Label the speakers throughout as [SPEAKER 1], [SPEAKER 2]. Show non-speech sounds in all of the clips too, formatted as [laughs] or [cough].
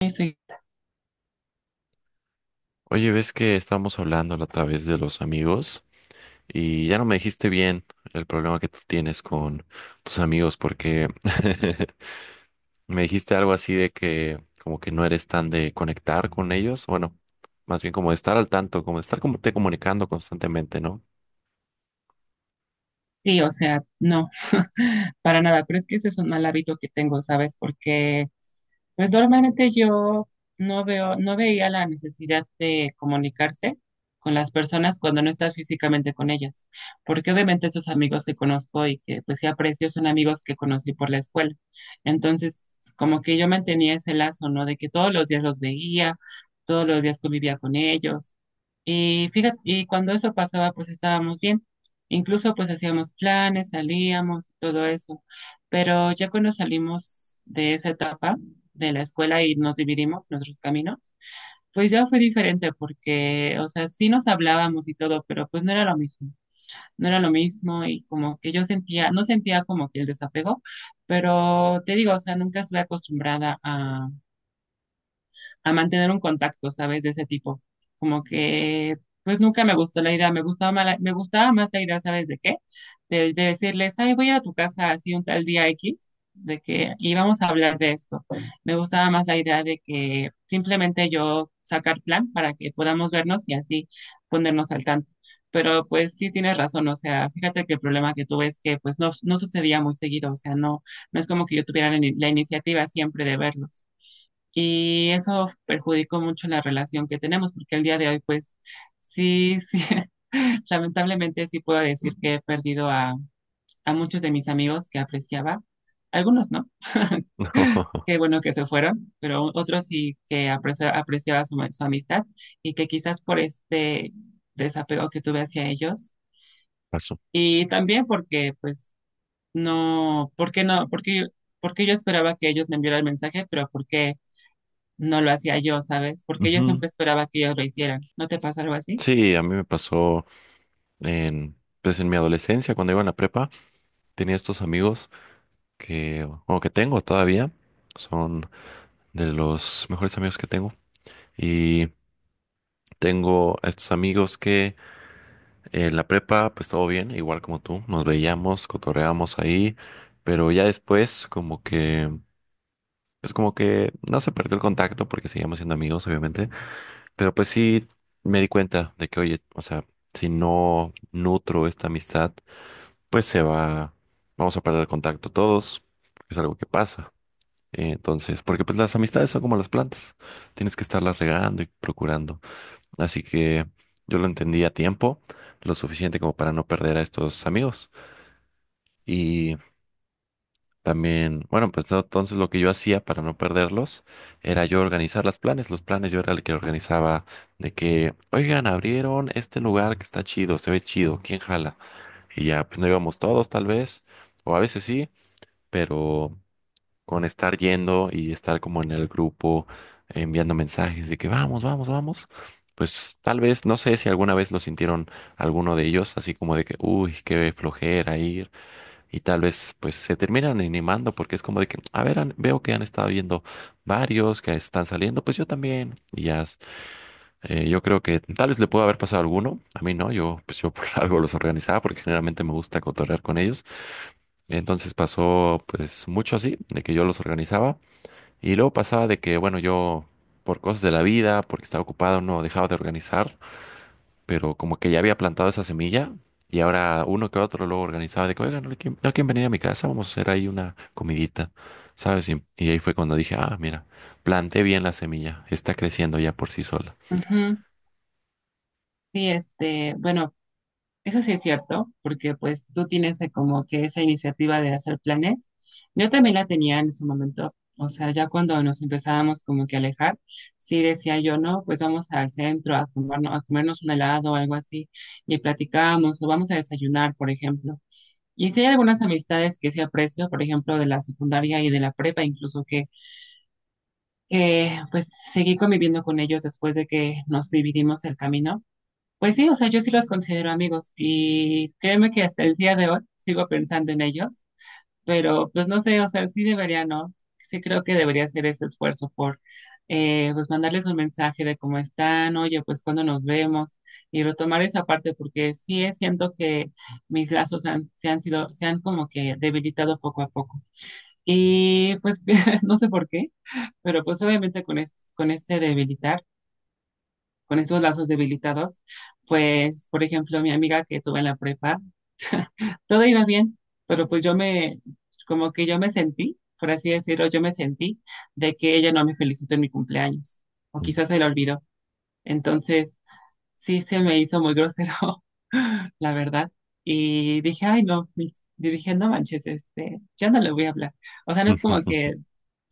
[SPEAKER 1] Estoy-
[SPEAKER 2] Oye, ves que estábamos hablando la otra vez de los amigos y ya no me dijiste bien el problema que tú tienes con tus amigos porque [laughs] me dijiste algo así de que como que no eres tan de conectar con ellos, bueno, más bien como de estar al tanto, como de estar como te comunicando constantemente, ¿no?
[SPEAKER 1] Sí, o sea, no, [laughs] para nada, pero es que ese es un mal hábito que tengo, ¿sabes? Porque pues normalmente yo no veo, no veía la necesidad de comunicarse con las personas cuando no estás físicamente con ellas, porque obviamente esos amigos que conozco y que pues sí aprecio son amigos que conocí por la escuela. Entonces, como que yo mantenía ese lazo, ¿no? De que todos los días los veía, todos los días convivía con ellos. Y fíjate, y cuando eso pasaba, pues estábamos bien. Incluso pues hacíamos planes, salíamos, todo eso. Pero ya cuando salimos de esa etapa de la escuela y nos dividimos nuestros caminos, pues ya fue diferente porque, o sea, sí nos hablábamos y todo, pero pues no era lo mismo. No era lo mismo y como que yo sentía, no sentía como que el desapego, pero te digo, o sea, nunca estuve acostumbrada a mantener un contacto, ¿sabes? De ese tipo. Como que, pues nunca me gustó la idea, me gustaba más la idea, ¿sabes de qué? De decirles, ay, voy a ir a tu casa así un tal día X, de que, y vamos a hablar de esto. Me gustaba más la idea de que simplemente yo sacar plan para que podamos vernos y así ponernos al tanto. Pero pues sí tienes razón, o sea, fíjate que el problema que tuve es que pues no, no sucedía muy seguido, o sea, no, no es como que yo tuviera la iniciativa siempre de verlos. Y eso perjudicó mucho la relación que tenemos, porque el día de hoy, pues, sí, sí, [laughs] lamentablemente sí puedo decir que he perdido a muchos de mis amigos que apreciaba, algunos no,
[SPEAKER 2] [laughs] No,
[SPEAKER 1] qué bueno que se fueron, pero otros sí que apreciaba su amistad y que quizás por este desapego que tuve hacia ellos
[SPEAKER 2] pasó.
[SPEAKER 1] y también porque, pues, no, ¿por qué no? Porque yo esperaba que ellos me enviaran el mensaje, pero ¿por qué no lo hacía yo?, ¿sabes? Porque yo
[SPEAKER 2] Ujú.
[SPEAKER 1] siempre esperaba que ellos lo hicieran. ¿No te pasa algo así?
[SPEAKER 2] Sí, a mí me pasó en, pues en mi adolescencia, cuando iba en la prepa, tenía estos amigos que, o que tengo todavía, son de los mejores amigos que tengo. Y tengo a estos amigos que en la prepa, pues todo bien, igual como tú, nos veíamos, cotorreábamos ahí, pero ya después como que, pues como que no se perdió el contacto porque seguíamos siendo amigos, obviamente, pero pues sí me di cuenta de que, oye, o sea, si no nutro esta amistad, pues se va, vamos a perder el contacto todos, es algo que pasa. Entonces, porque pues las amistades son como las plantas, tienes que estarlas regando y procurando. Así que yo lo entendí a tiempo, lo suficiente como para no perder a estos amigos. Y también, bueno, pues no, entonces lo que yo hacía para no perderlos era yo organizar los planes. Los planes yo era el que organizaba de que, oigan, abrieron este lugar que está chido, se ve chido, ¿quién jala? Y ya, pues no íbamos todos tal vez, o a veces sí, pero con estar yendo y estar como en el grupo enviando mensajes de que vamos, vamos, vamos, pues tal vez, no sé si alguna vez lo sintieron alguno de ellos, así como de que, uy, qué flojera ir, y tal vez pues se terminan animando porque es como de que, a ver, veo que han estado viendo varios que están saliendo, pues yo también, y ya, yo creo que tal vez le pudo haber pasado a alguno, a mí no, yo pues yo por [laughs] algo los organizaba porque generalmente me gusta cotorrear con ellos, entonces pasó pues mucho así, de que yo los organizaba. Y luego pasaba de que, bueno, yo por cosas de la vida, porque estaba ocupado, no dejaba de organizar, pero como que ya había plantado esa semilla y ahora uno que otro luego organizaba de que, oigan, no hay quien venir a mi casa, vamos a hacer ahí una comidita, ¿sabes? Y ahí fue cuando dije, ah, mira, planté bien la semilla, está creciendo ya por sí sola.
[SPEAKER 1] Ujú. Sí, este, bueno, eso sí es cierto, porque pues tú tienes como que esa iniciativa de hacer planes. Yo también la tenía en su momento, o sea, ya cuando nos empezábamos como que a alejar, sí decía yo, no, pues vamos al centro a tomarnos, a comernos un helado o algo así, y platicábamos, o vamos a desayunar, por ejemplo. Y sí hay algunas amistades que sí aprecio, por ejemplo, de la secundaria y de la prepa, incluso que pues seguí conviviendo con ellos después de que nos dividimos el camino. Pues sí, o sea, yo sí los considero amigos y créeme que hasta el día de hoy sigo pensando en ellos, pero pues no sé, o sea, sí debería, ¿no? Sí creo que debería hacer ese esfuerzo por, pues mandarles un mensaje de cómo están, oye, pues cuando nos vemos y retomar esa parte porque sí siento que mis lazos han, se han sido, se han como que debilitado poco a poco. Y pues [laughs] no sé por qué. Pero pues obviamente con este debilitar, con estos lazos debilitados, pues por ejemplo mi amiga que tuve en la prepa, todo iba bien, pero pues como que yo me sentí, por así decirlo, yo me sentí de que ella no me felicitó en mi cumpleaños, o
[SPEAKER 2] Mm.
[SPEAKER 1] quizás se la olvidó. Entonces sí se me hizo muy grosero, [laughs] la verdad. Y dije, ay no, Mitch, y dije, no manches, este, ya no le voy a hablar. O sea, no es como
[SPEAKER 2] [laughs]
[SPEAKER 1] que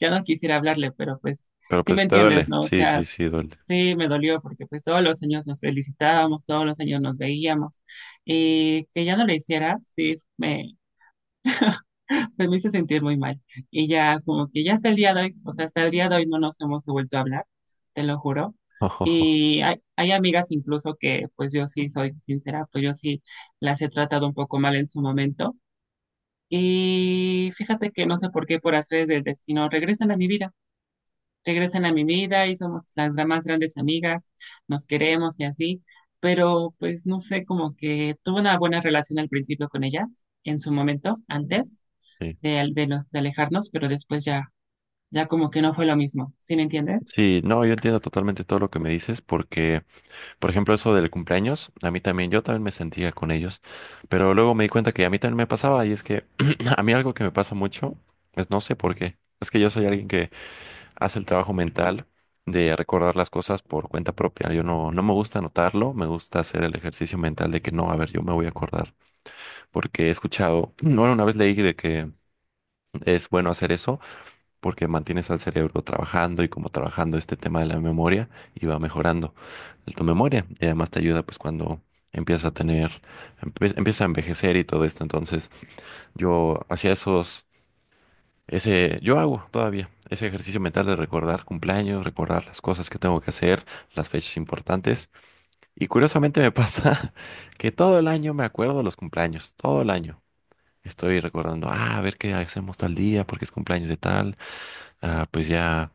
[SPEAKER 1] ya no quisiera hablarle, pero pues
[SPEAKER 2] Pero
[SPEAKER 1] sí me
[SPEAKER 2] pues te
[SPEAKER 1] entiendes,
[SPEAKER 2] duele,
[SPEAKER 1] ¿no? O
[SPEAKER 2] sí, sí,
[SPEAKER 1] sea,
[SPEAKER 2] sí, duele.
[SPEAKER 1] sí, me dolió porque pues todos los años nos felicitábamos, todos los años nos veíamos y que ya no lo hiciera, sí, pues, me hizo sentir muy mal. Y ya como que ya hasta el día de hoy, o sea, hasta el día de hoy no nos hemos vuelto a hablar, te lo juro.
[SPEAKER 2] [laughs]
[SPEAKER 1] Y hay amigas incluso que pues yo sí soy sincera, pues yo sí las he tratado un poco mal en su momento. Y fíjate que no sé por qué, por hacer del destino, regresan a mi vida y somos más grandes amigas, nos queremos y así, pero pues no sé, como que tuve una buena relación al principio con ellas, en su momento, antes
[SPEAKER 2] Sí.
[SPEAKER 1] de, al- de, los, de alejarnos, pero después ya, ya como que no fue lo mismo, ¿sí me entiendes?
[SPEAKER 2] Sí, no, yo entiendo totalmente todo lo que me dices porque por ejemplo, eso del cumpleaños, a mí también, yo también me sentía con ellos, pero luego me di cuenta que a mí también me pasaba y es que [clears throat] a mí algo que me pasa mucho es no sé por qué, es que yo soy alguien que hace el trabajo mental de recordar las cosas por cuenta propia, yo no, no me gusta anotarlo, me gusta hacer el ejercicio mental de que no, a ver, yo me voy a acordar, porque he escuchado, [clears throat] bueno, una vez leí de que es bueno hacer eso porque mantienes al cerebro trabajando y como trabajando este tema de la memoria y va mejorando de tu memoria y además te ayuda pues cuando empiezas a tener, empiezas a envejecer y todo esto. Entonces yo hacía esos, yo hago todavía ese ejercicio mental de recordar cumpleaños, recordar las cosas que tengo que hacer, las fechas importantes. Y curiosamente me pasa [laughs] que todo el año me acuerdo de los cumpleaños, todo el año. Estoy recordando, ah, a ver qué hacemos tal día, porque es cumpleaños de tal, ah, pues ya.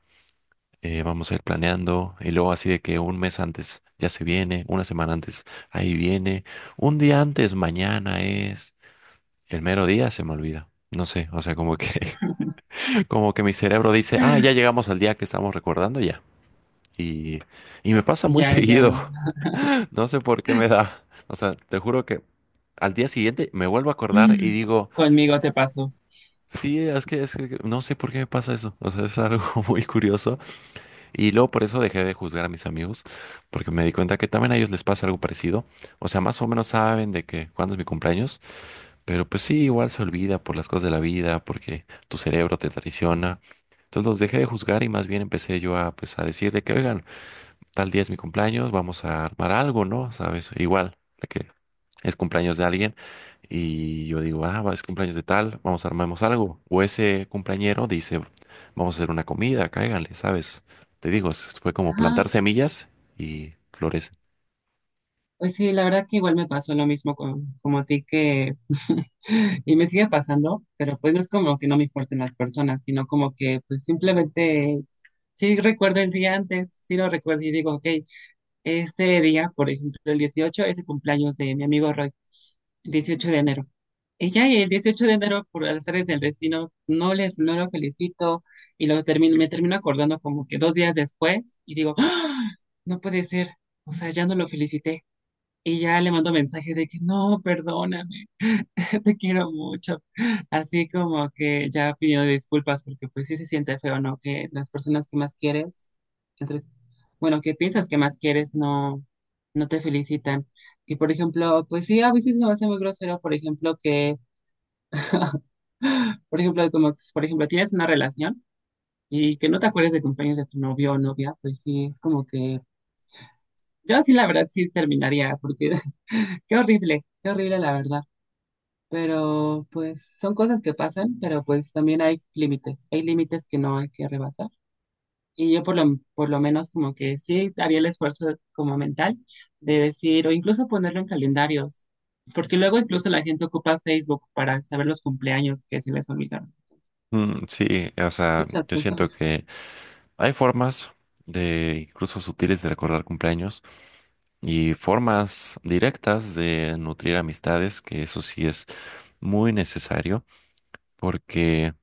[SPEAKER 2] Vamos a ir planeando y luego así de que un mes antes ya se viene, una semana antes ahí viene, un día antes mañana es, el mero día se me olvida. No sé, o sea, como que, [laughs] como que mi cerebro dice, ah, ya llegamos al día que estamos recordando ya. Y, y me pasa
[SPEAKER 1] Y
[SPEAKER 2] muy [laughs]
[SPEAKER 1] ya,
[SPEAKER 2] seguido,
[SPEAKER 1] ya,
[SPEAKER 2] no sé por qué me da. O sea, te juro que al día siguiente me vuelvo a acordar y
[SPEAKER 1] mm,
[SPEAKER 2] digo,
[SPEAKER 1] conmigo te pasó.
[SPEAKER 2] sí, es que no sé por qué me pasa eso. O sea, es algo [laughs] muy curioso. Y luego por eso dejé de juzgar a mis amigos, porque me di cuenta que también a ellos les pasa algo parecido. O sea, más o menos saben de que cuándo es mi cumpleaños, pero pues sí, igual se olvida por las cosas de la vida, porque tu cerebro te traiciona. Entonces los dejé de juzgar y más bien empecé yo a, pues, a decir de que, oigan, tal día es mi cumpleaños, vamos a armar algo, ¿no? ¿Sabes? Igual de que es cumpleaños de alguien y yo digo, ah, va, es cumpleaños de tal, vamos, armemos algo. O ese cumpleañero dice, vamos a hacer una comida, cáiganle, ¿sabes? Te digo, fue como
[SPEAKER 1] Ajá.
[SPEAKER 2] plantar semillas y florecen.
[SPEAKER 1] Pues sí, la verdad que igual me pasó lo mismo con, como a ti que [laughs] y me sigue pasando, pero pues no es como que no me importen las personas, sino como que pues simplemente sí recuerdo el día antes, sí lo recuerdo y digo, ok, este día, por ejemplo, el 18 es el cumpleaños de mi amigo Roy, el 18 de enero. Y ya y el 18 de enero, por azares del destino, no lo felicito y me termino acordando como que dos días después y digo, ¡ah, no puede ser!, o sea, ya no lo felicité. Y ya le mando mensajes de que no, perdóname, [laughs] te quiero mucho. Así como que ya pidió disculpas porque pues sí se siente feo, ¿no? Que las personas que más quieres, entre, bueno, que piensas que más quieres, no, no te felicitan. Y por ejemplo, pues sí, a veces se me hace muy grosero, por ejemplo, que, [gasps] por ejemplo, como, que, por ejemplo, tienes una relación y que no te acuerdes de cumpleaños de tu novio o novia, pues sí, es como que yo sí, la verdad, sí terminaría porque [laughs] qué horrible la verdad. Pero pues son cosas que pasan, pero pues también hay límites que no hay que rebasar. Y yo por lo menos como que sí había el esfuerzo como mental de decir, o incluso ponerlo en calendarios, porque luego incluso la gente ocupa Facebook para saber los cumpleaños que se les olvidaron,
[SPEAKER 2] Mm, sí, o sea,
[SPEAKER 1] muchas
[SPEAKER 2] yo siento
[SPEAKER 1] cosas.
[SPEAKER 2] que hay formas de, incluso sutiles, de recordar cumpleaños y formas directas de nutrir amistades, que eso sí es muy necesario, porque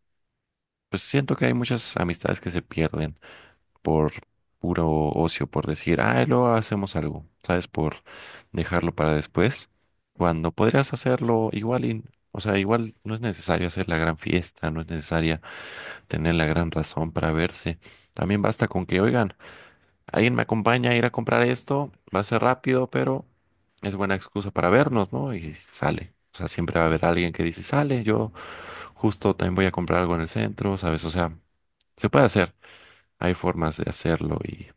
[SPEAKER 2] pues siento que hay muchas amistades que se pierden por puro ocio, por decir, ah, luego hacemos algo, ¿sabes? Por dejarlo para después, cuando podrías hacerlo igual y, o sea, igual no es necesario hacer la gran fiesta, no es necesaria tener la gran razón para verse. También basta con que, oigan, alguien me acompaña a ir a comprar esto, va a ser rápido, pero es buena excusa para vernos, ¿no? Y sale. O sea, siempre va a haber alguien que dice, sale, yo justo también voy a comprar algo en el centro, ¿sabes? O sea, se puede hacer, hay formas de hacerlo y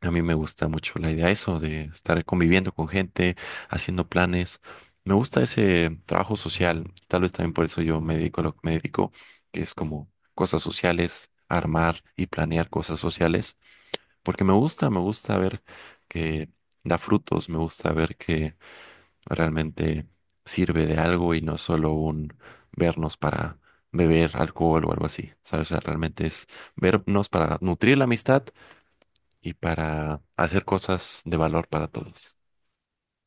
[SPEAKER 2] a mí me gusta mucho la idea de eso, de estar conviviendo con gente, haciendo planes. Me gusta ese trabajo social. Tal vez también por eso yo me dedico a lo que me dedico, que es como cosas sociales, armar y planear cosas sociales. Porque me gusta ver que da frutos, me gusta ver que realmente sirve de algo y no solo un vernos para beber alcohol o algo así. ¿Sabes? O sea, realmente es vernos para nutrir la amistad y para hacer cosas de valor para todos.